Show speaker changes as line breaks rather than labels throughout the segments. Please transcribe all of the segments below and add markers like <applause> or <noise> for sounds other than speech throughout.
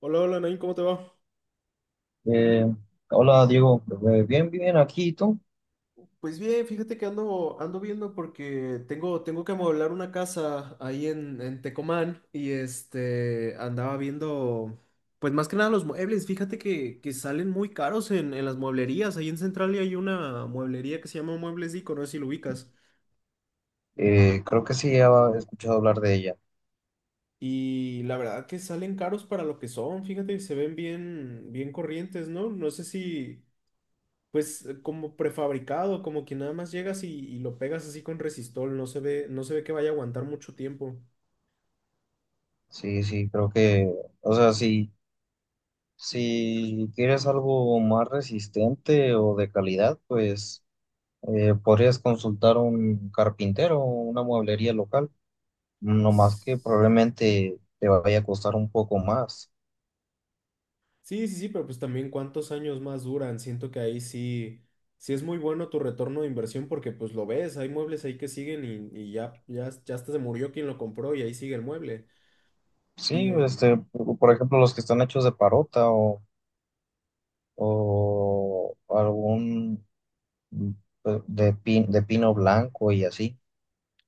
Hola, hola, Nain, ¿cómo te va?
Eh, Hola Diego. Bien, bien, aquí ¿y tú?
Pues bien, fíjate que ando viendo porque tengo que amueblar una casa ahí en Tecomán y este andaba viendo, pues más que nada los muebles, fíjate que salen muy caros en las mueblerías, ahí en Central hay una mueblería que se llama Muebles Dico, no sé si lo ubicas,
Creo que sí, he escuchado hablar de ella.
y la verdad que salen caros para lo que son, fíjate, se ven bien, bien corrientes, ¿no? No sé si, pues como prefabricado, como que nada más llegas y lo pegas así con resistol, no se ve, no se ve que vaya a aguantar mucho tiempo.
Sí, sí, creo que, o sea, si, si quieres algo más resistente o de calidad, pues podrías consultar a un carpintero o una mueblería local, no más que
S-
probablemente te vaya a costar un poco más.
Sí, sí, sí, pero pues también cuántos años más duran. Siento que ahí sí, sí es muy bueno tu retorno de inversión porque pues lo ves, hay muebles ahí que siguen y ya, ya, ya hasta se murió quien lo compró y ahí sigue el mueble. Y
Sí,
eh,
este, por ejemplo, los que están hechos de parota o algún mm, de pino blanco y así.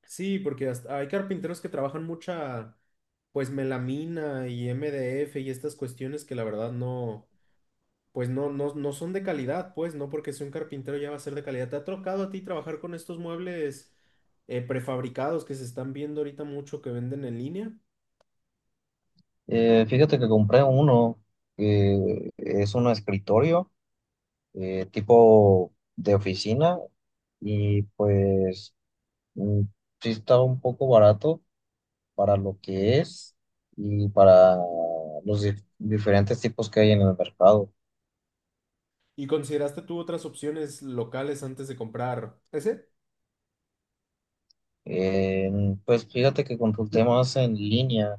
sí, porque hasta hay carpinteros que trabajan mucha, pues melamina y MDF y estas cuestiones que la verdad no. Pues no, no, no son de calidad, pues no porque sea un carpintero ya va a ser de calidad. ¿Te ha tocado a ti trabajar con estos muebles prefabricados que se están viendo ahorita mucho que venden en línea?
Fíjate que compré uno que es un escritorio, tipo de oficina, y pues mm, sí estaba un poco barato para lo que es y para los diferentes tipos que hay en el mercado.
¿Y consideraste tú otras opciones locales antes de comprar ese?
Eh, pues fíjate que consulté más en línea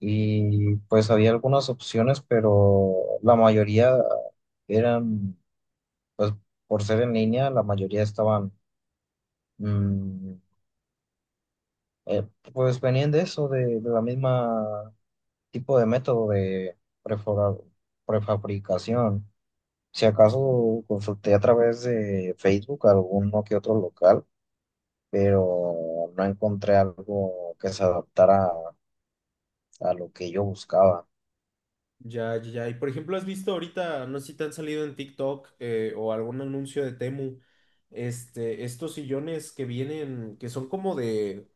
y pues había algunas opciones, pero la mayoría eran, pues por ser en línea, la mayoría estaban, mm, eh, pues venían de eso, de la misma tipo de método de prefora- prefabricación. Si acaso consulté a través de Facebook alguno que otro local, pero no encontré algo que se adaptara a lo que yo buscaba.
Ya, ya, ya. Y por ejemplo, ¿has visto ahorita, no sé si te han salido en TikTok o algún anuncio de Temu, este, estos sillones que vienen, que son como de,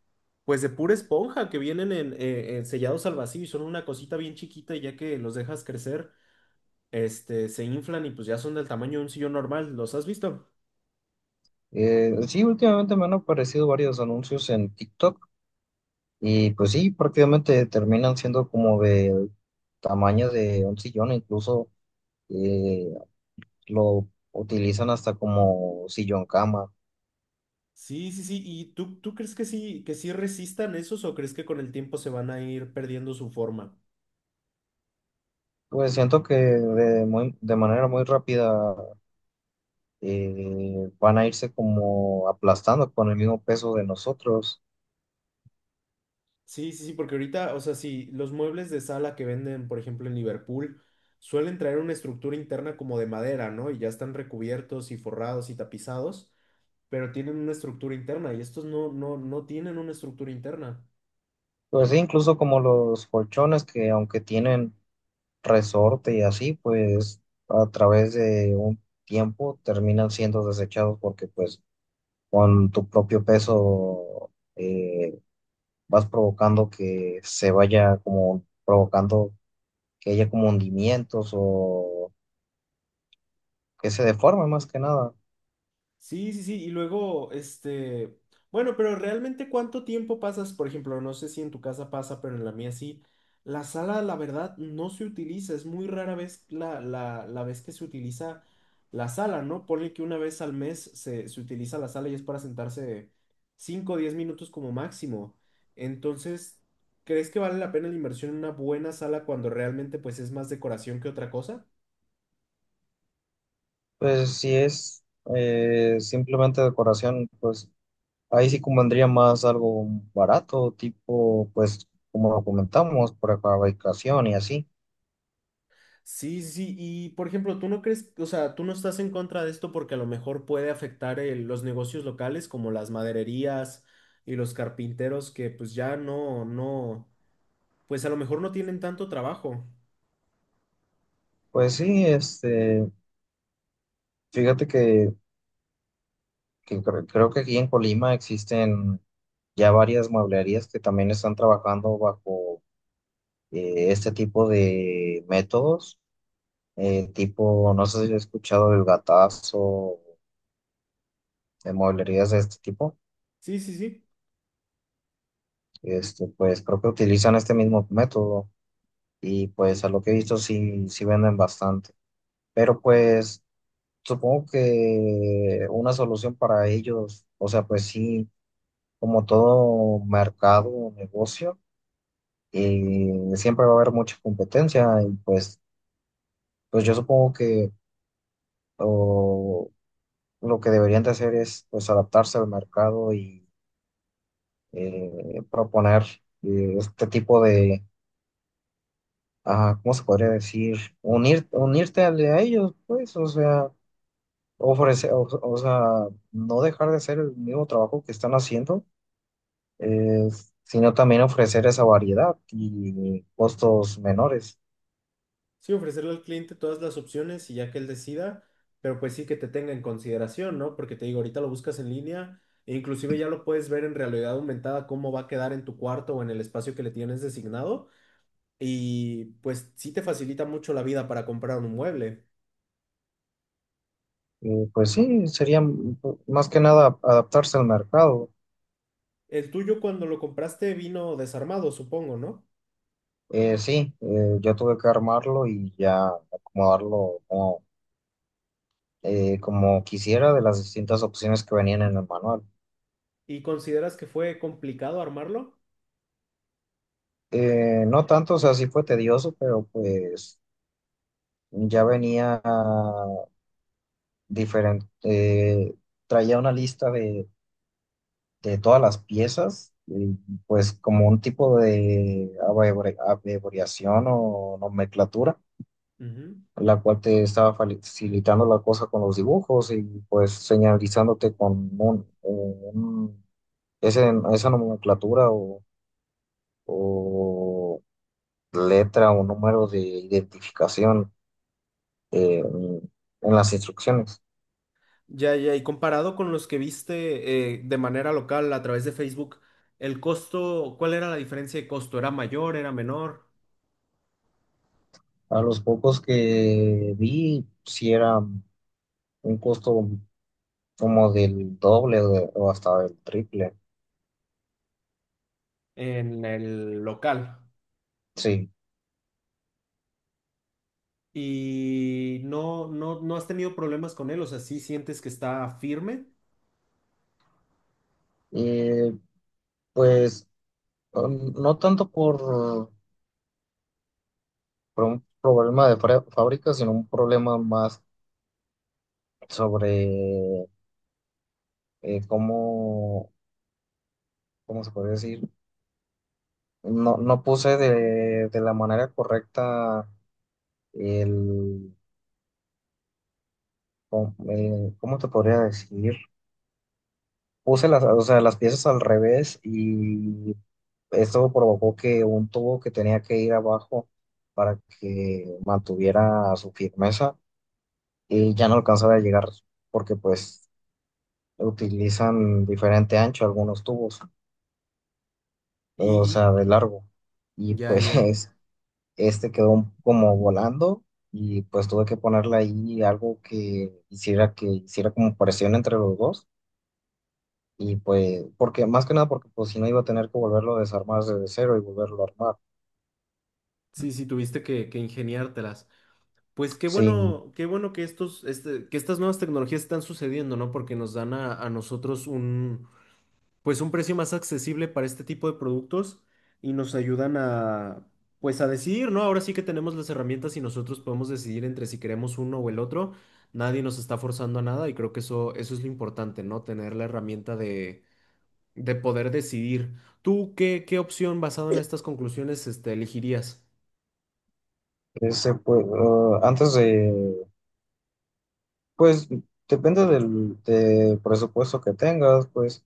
pues de pura esponja, que vienen en sellados al vacío y son una cosita bien chiquita y ya que los dejas crecer. Este, se inflan y pues ya son del tamaño de un sillón normal. ¿Los has visto?
Sí, últimamente me han aparecido varios anuncios en TikTok. Y pues sí, prácticamente terminan siendo como de tamaño de un sillón, incluso eh, lo utilizan hasta como sillón cama.
Sí, sí, sí. ¿Y tú crees que sí resistan esos o crees que con el tiempo se van a ir perdiendo su forma?
Pues siento que de, de manera muy rápida van a irse como aplastando con el mismo peso de nosotros.
Sí, sí, sí, porque ahorita, o sea, sí, los muebles de sala que venden, por ejemplo, en Liverpool, suelen traer una estructura interna como de madera, ¿no? Y ya están recubiertos y forrados y tapizados, pero tienen una estructura interna y estos no, no, no tienen una estructura interna.
Pues sí, incluso como los colchones que aunque tienen resorte y así, pues a través de un tiempo terminan siendo desechados porque pues con tu propio peso vas provocando que se vaya como provocando que haya como hundimientos o que se deforme más que nada.
Sí, sí, sí, y luego, este, bueno, pero realmente cuánto tiempo pasas, por ejemplo, no sé si en tu casa pasa, pero en la mía sí, la sala, la verdad, no se utiliza, es muy rara vez la vez que se utiliza la sala, ¿no? Ponle que una vez al mes se utiliza la sala y es para sentarse 5 o 10 minutos como máximo. Entonces, ¿crees que vale la pena la inversión en una buena sala cuando realmente pues es más decoración que otra cosa?
Pues si es simplemente decoración, pues ahí sí convendría más algo barato, tipo, pues como lo comentamos, por fabricación y así.
Sí, sí, sí, y por ejemplo, ¿tú no crees, o sea, tú no estás en contra de esto porque a lo mejor puede afectar los negocios locales como las madererías y los carpinteros que pues ya no, no, pues a lo mejor no tienen tanto trabajo.
Pues sí, este, fíjate que creo que aquí en Colima existen ya varias mueblerías que también están trabajando bajo este tipo de métodos, tipo, no sé si he escuchado el gatazo, de mueblerías de este tipo.
Sí, sí, sí,
Este, pues creo que utilizan este mismo método y pues a lo que he visto sí, sí venden bastante, pero pues supongo que una solución para ellos, o sea, pues sí, como todo mercado o negocio y siempre va a haber mucha competencia y pues, pues yo supongo que o, lo que deberían de hacer es pues adaptarse al mercado y proponer este tipo de, ah, ¿cómo se podría decir? Unirte a ellos, pues, o sea, ofrecer, o sea, no dejar de hacer el mismo trabajo que están haciendo, eh, sino también ofrecer esa variedad y costos menores.
sí, ofrecerle al cliente todas las opciones y ya que él decida, pero pues sí que te tenga en consideración, ¿no? Porque te digo, ahorita lo buscas en línea e inclusive ya lo puedes ver en realidad aumentada cómo va a quedar en tu cuarto o en el espacio que le tienes designado. Y pues sí te facilita mucho la vida para comprar un mueble.
Y pues sí, sería más que nada adaptarse al mercado.
El tuyo cuando lo compraste vino desarmado, supongo, ¿no?
Sí, yo tuve que armarlo y ya acomodarlo como, como quisiera de las distintas opciones que venían en el manual.
¿Y consideras que fue complicado armarlo?
No tanto, o sea, sí fue tedioso, pero pues ya venía diferente. Traía una lista de todas las piezas, y, pues como un tipo de abreviación o nomenclatura,
Ujú.
la cual te estaba facilitando la cosa con los dibujos y pues señalizándote con esa nomenclatura o letra o número de identificación eh, en las instrucciones.
Ya, ya, y comparado con los que viste de manera local a través de Facebook, el costo, ¿cuál era la diferencia de costo? ¿Era mayor, era menor
A los pocos que vi, si era un costo como del doble o hasta del triple,
en el local?
sí.
Y no, no, no has tenido problemas con él, o sea, sí sientes que está firme
Eh, pues no tanto por un problema de fábrica, sino un problema más sobre cómo, ¿cómo se podría decir? No, no puse de la manera correcta el, ¿cómo te podría decir? Puse las, o sea, las piezas al revés y esto provocó que un tubo que tenía que ir abajo para que mantuviera su firmeza y ya no alcanzaba a llegar porque pues utilizan diferente ancho algunos tubos,
y,
o
y-
sea, de largo. Y
ya, ya.
pues <laughs> este quedó como volando y pues tuve que ponerle ahí algo que hiciera como presión entre los dos. Y pues, porque más que nada, porque pues si no iba a tener que volverlo a desarmar desde cero y volverlo a armar.
Sí, sí, tuviste que ingeniártelas. Pues
Sí,
qué bueno que estos, este, que estas nuevas tecnologías están sucediendo, ¿no? Porque nos dan a nosotros un, pues un precio más accesible para este tipo de productos y nos ayudan a, pues a decidir, ¿no? Ahora sí que tenemos las herramientas y nosotros podemos decidir entre si queremos uno o el otro. Nadie nos está forzando a nada y creo que eso es lo importante, ¿no? Tener la herramienta de poder decidir. ¿Tú qué, qué opción basado en estas conclusiones, este, elegirías?
ese pues, antes de, pues depende del, del presupuesto que tengas, pues,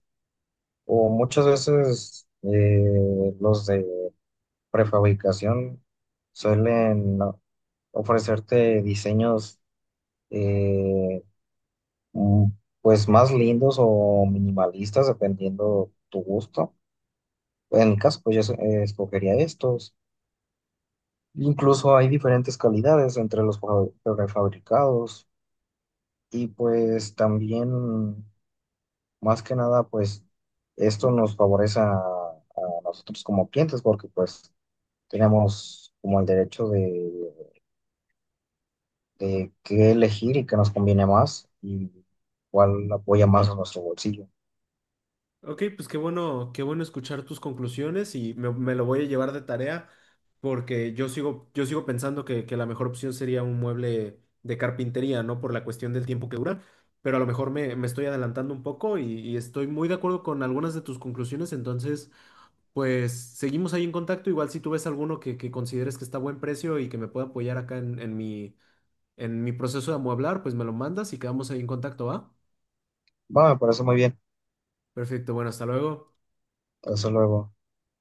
o muchas veces los de prefabricación suelen, ¿no?, ofrecerte diseños, eh, mm, pues más lindos o minimalistas dependiendo tu gusto. En mi caso, pues yo escogería estos. Incluso hay diferentes calidades entre los prefabricados y pues también más que nada pues esto nos favorece a nosotros como clientes porque pues tenemos como el derecho de qué elegir y qué nos conviene más y cuál apoya más a nuestro bolsillo.
Ok, pues qué bueno escuchar tus conclusiones y me lo voy a llevar de tarea porque yo sigo pensando que la mejor opción sería un mueble de carpintería, ¿no? Por la cuestión del tiempo que dura, pero a lo mejor me, me estoy adelantando un poco y estoy muy de acuerdo con algunas de tus conclusiones, entonces pues seguimos ahí en contacto, igual si tú ves alguno que consideres que está a buen precio y que me pueda apoyar acá en mi, en mi proceso de amueblar, pues me lo mandas y quedamos ahí en contacto, ¿va?
Va, me parece muy bien.
Perfecto, bueno, hasta luego.
Hasta luego.